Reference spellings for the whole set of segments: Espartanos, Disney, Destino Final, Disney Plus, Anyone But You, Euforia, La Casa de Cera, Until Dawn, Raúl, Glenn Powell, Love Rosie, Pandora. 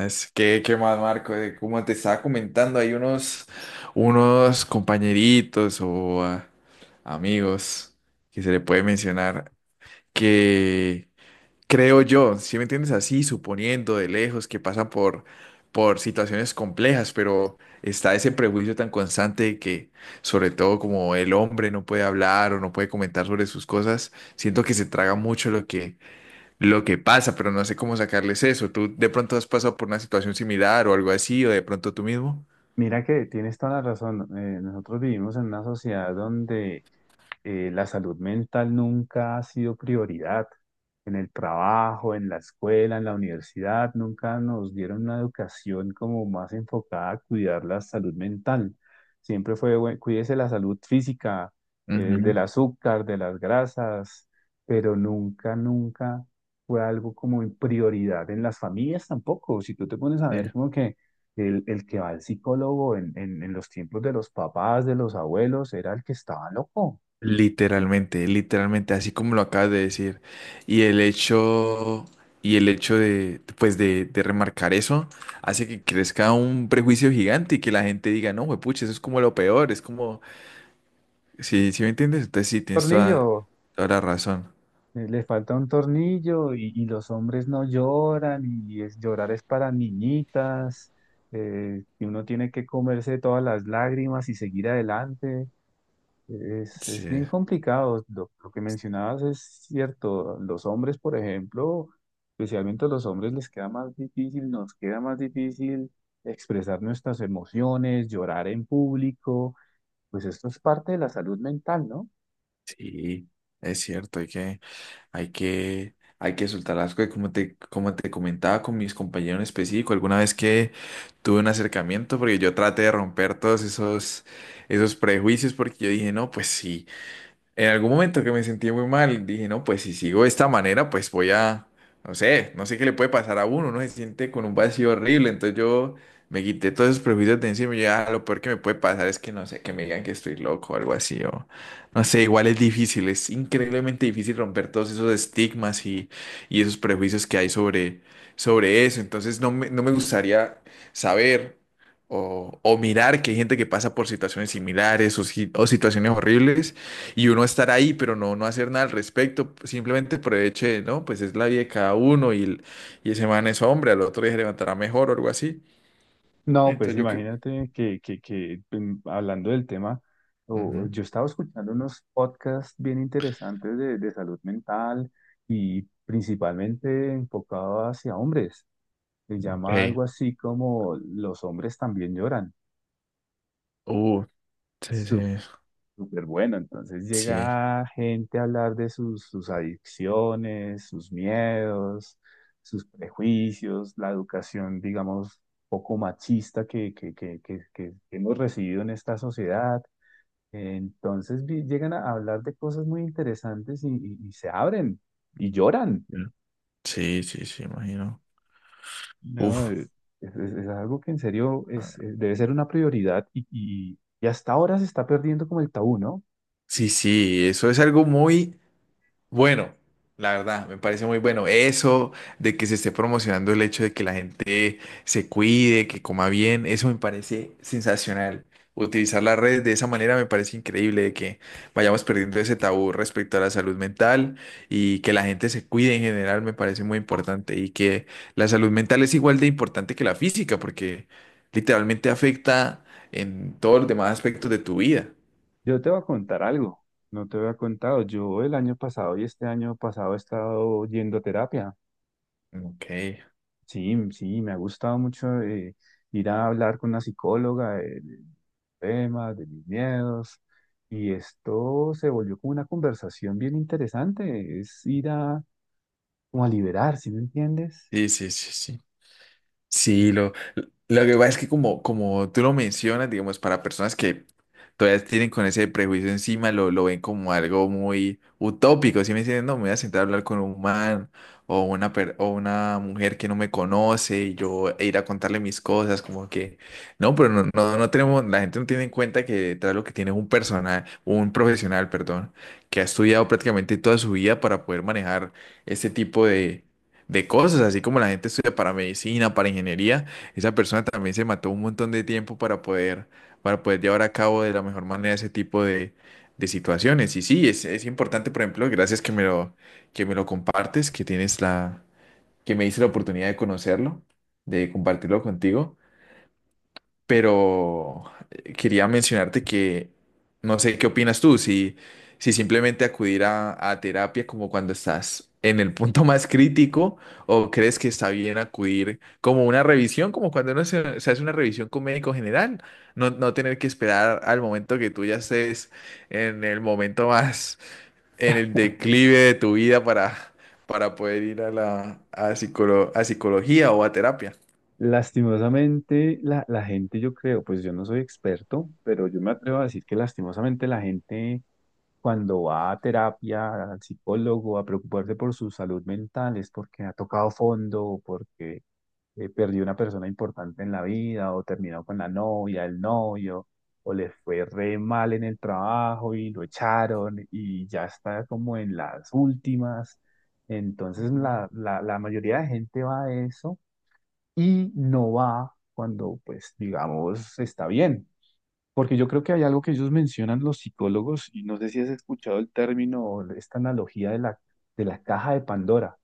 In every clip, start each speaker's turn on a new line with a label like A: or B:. A: Es que, qué más, Marco. Como te estaba comentando, hay unos compañeritos o amigos que se le puede mencionar, que creo yo, si me entiendes, así suponiendo de lejos, que pasan por situaciones complejas, pero está ese prejuicio tan constante de que, sobre todo, como el hombre no puede hablar o no puede comentar sobre sus cosas, siento que se traga mucho lo que pasa, pero no sé cómo sacarles eso. ¿Tú de pronto has pasado por una situación similar o algo así, o de pronto tú mismo?
B: Mira que tienes toda la razón. Nosotros vivimos en una sociedad donde la salud mental nunca ha sido prioridad. En el trabajo, en la escuela, en la universidad, nunca nos dieron una educación como más enfocada a cuidar la salud mental. Siempre fue, "Bueno, cuídese la salud física, del
A: Ujú,
B: azúcar, de las grasas, pero nunca fue algo como en prioridad en las familias tampoco. Si tú te pones a ver
A: sí.
B: como que el que va al psicólogo en los tiempos de los papás, de los abuelos, era el que estaba loco.
A: Literalmente, literalmente, así como lo acabas de decir. Y el hecho, y el hecho de, de remarcar eso hace que crezca un prejuicio gigante y que la gente diga, no, pucha, eso es como lo peor, es como, sí, sí me entiendes, entonces sí, tienes toda,
B: Tornillo,
A: toda la razón.
B: le falta un tornillo y los hombres no lloran y es, llorar es para niñitas, y uno tiene que comerse todas las lágrimas y seguir adelante. Es,
A: Sí,
B: es bien complicado. Lo que mencionabas es cierto. Los hombres, por ejemplo, especialmente a los hombres les queda más difícil, nos queda más difícil expresar nuestras emociones, llorar en público. Pues esto es parte de la salud mental, ¿no?
A: sí, es cierto, hay que... hay que soltar las cosas, como te comentaba con mis compañeros en específico, alguna vez que tuve un acercamiento, porque yo traté de romper esos prejuicios, porque yo dije, no, pues sí, en algún momento que me sentí muy mal, dije, no, pues si sigo de esta manera, pues voy a, no sé, no sé qué le puede pasar a uno, uno se siente con un vacío horrible. Entonces yo me quité todos esos prejuicios de encima y ya lo peor que me puede pasar es que, no sé, que me digan que estoy loco o algo así, o no sé, igual es difícil, es increíblemente difícil romper todos esos estigmas y esos prejuicios que hay sobre eso. Entonces no me, no me gustaría saber. O mirar que hay gente que pasa por situaciones similares o o situaciones horribles y uno estar ahí, pero no, no hacer nada al respecto, simplemente por el hecho de, no, pues es la vida de cada uno y y ese man es hombre, al otro día se levantará mejor o algo así.
B: No, pues
A: Entonces yo creo...
B: imagínate que hablando del tema,
A: Ujú.
B: yo estaba escuchando unos podcasts bien interesantes de salud mental y principalmente enfocado hacia hombres. Se llama
A: Ey,
B: algo así como Los hombres también lloran.
A: uh, sí, sí,
B: Súper bueno, entonces
A: sí,
B: llega gente a hablar de sus adicciones, sus miedos, sus prejuicios, la educación, digamos, poco machista que hemos recibido en esta sociedad. Entonces llegan a hablar de cosas muy interesantes y se abren y lloran.
A: sí, sí, sí, imagino.
B: No,
A: Uf,
B: es algo que en serio es,
A: ah,
B: debe ser una prioridad y hasta ahora se está perdiendo como el tabú, ¿no?
A: sí, sí, eso es algo muy... Bueno, la verdad, me parece muy bueno eso de que se esté promocionando el hecho de que la gente se cuide, que coma bien. Eso me parece sensacional. Utilizar las redes de esa manera me parece increíble, de que vayamos perdiendo ese tabú respecto a la salud mental y que la gente se cuide en general me parece muy importante, y que la salud mental es igual de importante que la física porque literalmente afecta en todos los demás aspectos de tu vida.
B: Yo te voy a contar algo, no te había contado. Yo el año pasado y este año pasado he estado yendo a terapia.
A: Ok,
B: Sí, sí, me ha gustado mucho, ir a hablar con una psicóloga de temas, de mis miedos. Y esto se volvió como una conversación bien interesante. Es ir a, como a liberar, ¿sí me entiendes?
A: sí, sí, sí, sí. Sí, lo que pasa es que, como tú lo mencionas, digamos, para personas que todavía tienen con ese prejuicio encima, lo ven como algo muy utópico. Si me dicen, no, me voy a sentar a hablar con un man o una mujer que no me conoce y yo e ir a contarle mis cosas, como que, no, pero no, no, no tenemos, la gente no tiene en cuenta que detrás lo que tiene es un personal, un profesional, perdón, que ha estudiado prácticamente toda su vida para poder manejar este tipo de cosas. Así como la gente estudia para medicina, para ingeniería, esa persona también se mató un montón de tiempo para poder llevar a cabo de la mejor manera ese tipo de situaciones. Y sí, es importante. Por ejemplo, gracias que me lo compartes, que tienes la, que me diste la oportunidad de conocerlo, de compartirlo contigo. Pero quería mencionarte que no sé qué opinas tú, si, si simplemente acudir a terapia como cuando estás en el punto más crítico, o crees que está bien acudir como una revisión, como cuando uno se, se hace una revisión con médico general. No, no tener que esperar al momento que tú ya estés en el momento más, en el declive de tu vida para poder ir a la a psicología o a terapia.
B: Lastimosamente, la gente, yo creo, pues yo no soy experto, pero yo me atrevo a decir que lastimosamente la gente cuando va a terapia, al psicólogo, a preocuparse por su salud mental, es porque ha tocado fondo, o porque perdió una persona importante en la vida, o terminó con la novia, el novio, o le fue re mal en el trabajo y lo echaron y ya está como en las últimas. Entonces
A: Ujú.
B: la mayoría de gente va a eso y no va cuando, pues, digamos, está bien. Porque yo creo que hay algo que ellos mencionan los psicólogos, y no sé si has escuchado el término o esta analogía de la caja de Pandora.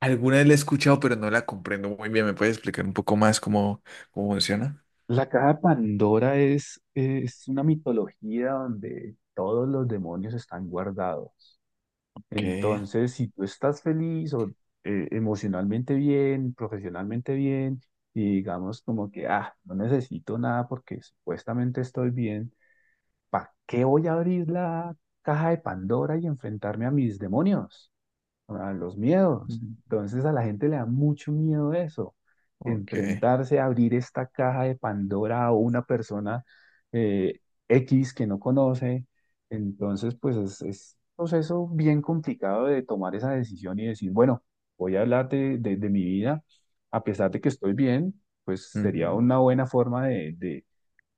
A: Alguna vez la he escuchado, pero no la comprendo muy bien. ¿Me puedes explicar un poco más cómo, cómo funciona?
B: La caja de Pandora es una mitología donde todos los demonios están guardados.
A: Ok.
B: Entonces, si tú estás feliz o emocionalmente bien, profesionalmente bien, y digamos como que, ah, no necesito nada porque supuestamente estoy bien, ¿para qué voy a abrir la caja de Pandora y enfrentarme a mis demonios? A los miedos.
A: Mm.
B: Entonces a la gente le da mucho miedo eso,
A: Ok,
B: enfrentarse a abrir esta caja de Pandora a una persona eh, X que no conoce. Entonces, pues es un proceso bien complicado de tomar esa decisión y decir, bueno, voy a hablar de mi vida, a pesar de que estoy bien, pues sería
A: ujú.
B: una buena forma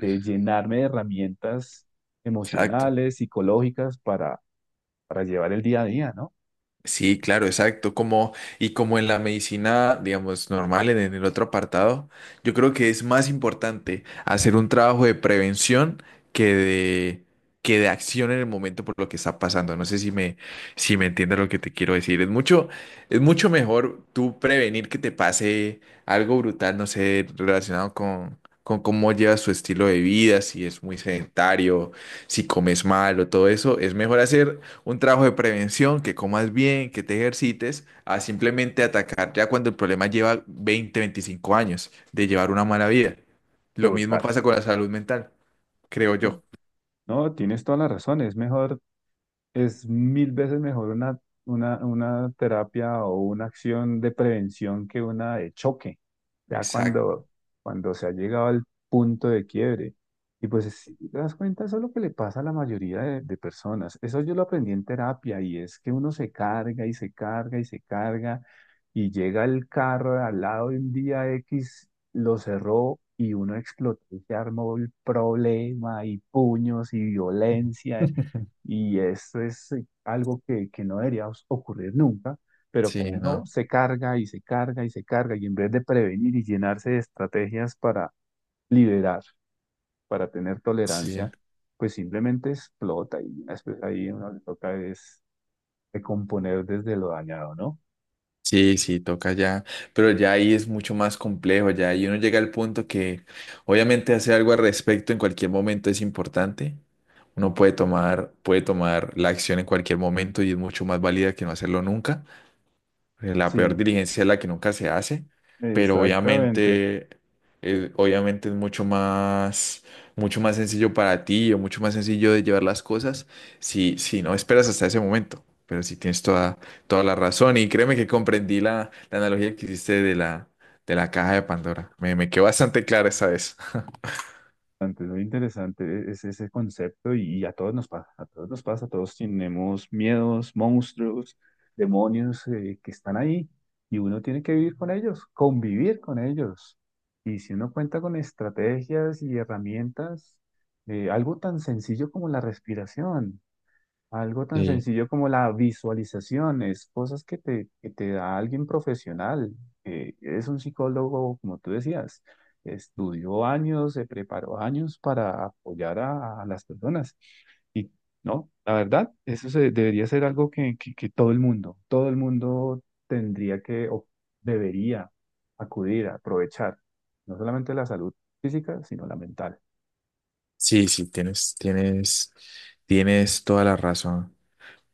B: de llenarme de herramientas
A: Exacto.
B: emocionales, psicológicas para llevar el día a día, ¿no?
A: Sí, claro, exacto. Como, y como en la medicina, digamos, normal, en el otro apartado, yo creo que es más importante hacer un trabajo de prevención que de, que de acción en el momento por lo que está pasando. No sé si me, si me entiendes lo que te quiero decir. Es mucho mejor tú prevenir que te pase algo brutal, no sé, relacionado con cómo llevas tu estilo de vida, si es muy sedentario, si comes mal o todo eso. Es mejor hacer un trabajo de prevención, que comas bien, que te ejercites, a simplemente atacar ya cuando el problema lleva 20 25 años de llevar una mala vida. Lo mismo
B: Total.
A: pasa con la salud mental, creo yo.
B: ¿No? No, tienes toda la razón. Es mil veces mejor una terapia o una acción de prevención que una de choque, ya
A: Exacto.
B: cuando se ha llegado al punto de quiebre. Y pues si te das cuenta, eso es lo que le pasa a la mayoría de personas. Eso yo lo aprendí en terapia y es que uno se carga y se carga y se carga y llega el carro de al lado de un día X, lo cerró y uno explotó y se armó el problema y puños y violencia. Y esto es, algo que no debería ocurrir nunca, pero
A: Sí,
B: como uno
A: no.
B: se carga y se carga y se carga, y en vez de prevenir y llenarse de estrategias para liberar, para tener
A: Sí.
B: tolerancia, pues simplemente explota y después ahí uno le toca es recomponer desde lo dañado, ¿no?
A: Sí, sí, toca ya. Pero ya ahí es mucho más complejo, ya ahí uno llega al punto que obviamente hacer algo al respecto en cualquier momento es importante. Uno puede tomar la acción en cualquier momento y es mucho más válida que no hacerlo nunca. La peor
B: Sí,
A: diligencia es la que nunca se hace, pero
B: exactamente.
A: obviamente, obviamente es mucho más sencillo para ti o mucho más sencillo de llevar las cosas si, si no esperas hasta ese momento. Pero si tienes toda, toda la razón, y créeme que comprendí la analogía que hiciste de la caja de Pandora. Me quedó bastante clara esa vez.
B: Interesante, muy interesante es ese concepto y a todos nos pasa, a todos nos pasa, todos tenemos miedos, monstruos, demonios, que están ahí y uno tiene que vivir con ellos, convivir con ellos. Y si uno cuenta con estrategias y herramientas, algo tan sencillo como la respiración. Algo tan
A: Sí.
B: sencillo como la visualización, es cosas que te da alguien profesional. Es un psicólogo, como tú decías, estudió años, se preparó años para apoyar a las personas. Y no, la verdad, eso debería ser algo que todo el mundo tendría que o debería acudir a aprovechar, no solamente la salud física, sino la mental.
A: Sí, sí, tienes, tienes, tienes toda la razón.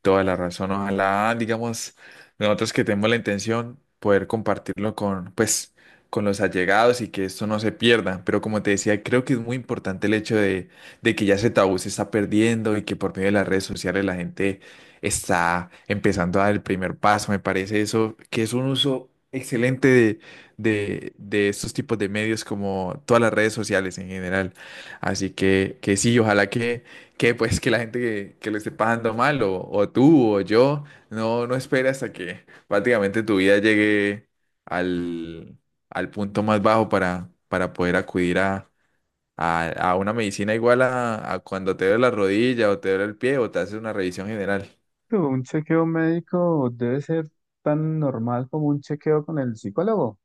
A: Toda la razón. Ojalá, digamos, nosotros que tenemos la intención, poder compartirlo con, pues, con los allegados, y que esto no se pierda. Pero como te decía, creo que es muy importante el hecho de que ya ese tabú se está perdiendo y que por medio de las redes sociales la gente está empezando a dar el primer paso. Me parece eso, que es un uso excelente de, de estos tipos de medios, como todas las redes sociales en general. Así que sí, ojalá que pues que la gente que lo esté pasando mal, o tú o yo, no, no espera hasta que prácticamente tu vida llegue al, al punto más bajo para poder acudir a una medicina, igual a cuando te duele la rodilla o te duele el pie o te haces una revisión general.
B: Un chequeo médico debe ser tan normal como un chequeo con el psicólogo.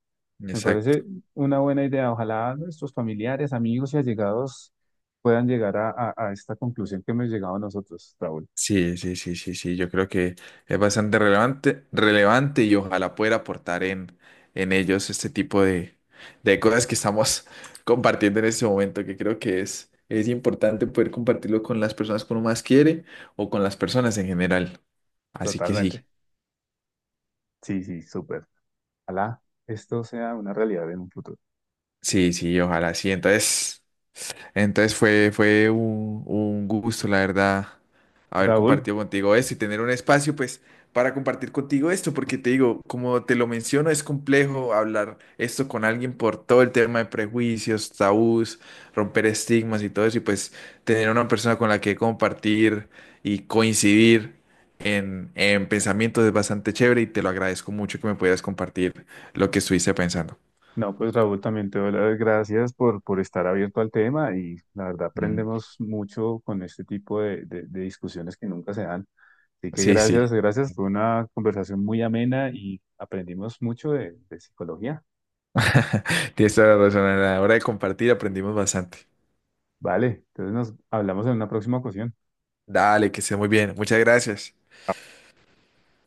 B: Me parece una buena idea. Ojalá nuestros familiares, amigos y allegados puedan llegar a, a esta conclusión que hemos llegado nosotros, Raúl.
A: Sí, sí, sí, sí, sí, yo creo que es bastante relevante, relevante, y ojalá pueda aportar en ellos este tipo de cosas que estamos compartiendo en este momento, que creo que es importante poder compartirlo con las personas que uno más quiere o con las personas en general. Así que
B: Totalmente.
A: sí,
B: Sí, sí, súper. Ojalá esto sea una realidad en un futuro.
A: sí, sí, ojalá sí. Entonces... fue un gusto, la verdad, haber
B: Raúl,
A: compartido contigo esto y tener un espacio, pues, para compartir contigo esto, porque te digo, como te lo menciono, es complejo hablar esto con alguien por todo el tema de prejuicios, tabús, romper estigmas y todo eso, y pues tener una persona con la que compartir y coincidir en pensamientos es bastante chévere, y te lo agradezco mucho que me pudieras compartir lo que estuviste pensando.
B: no, pues Raúl, también te doy las gracias por estar abierto al tema y la verdad
A: Mm.
B: aprendemos mucho con este tipo de discusiones que nunca se dan. Así que
A: Sí, sí.
B: gracias, gracias. Fue una conversación muy amena y aprendimos mucho de psicología.
A: Tienes toda la razón. A la hora de compartir aprendimos bastante.
B: Vale, entonces nos hablamos en una próxima ocasión.
A: Dale, que esté muy bien. Muchas gracias.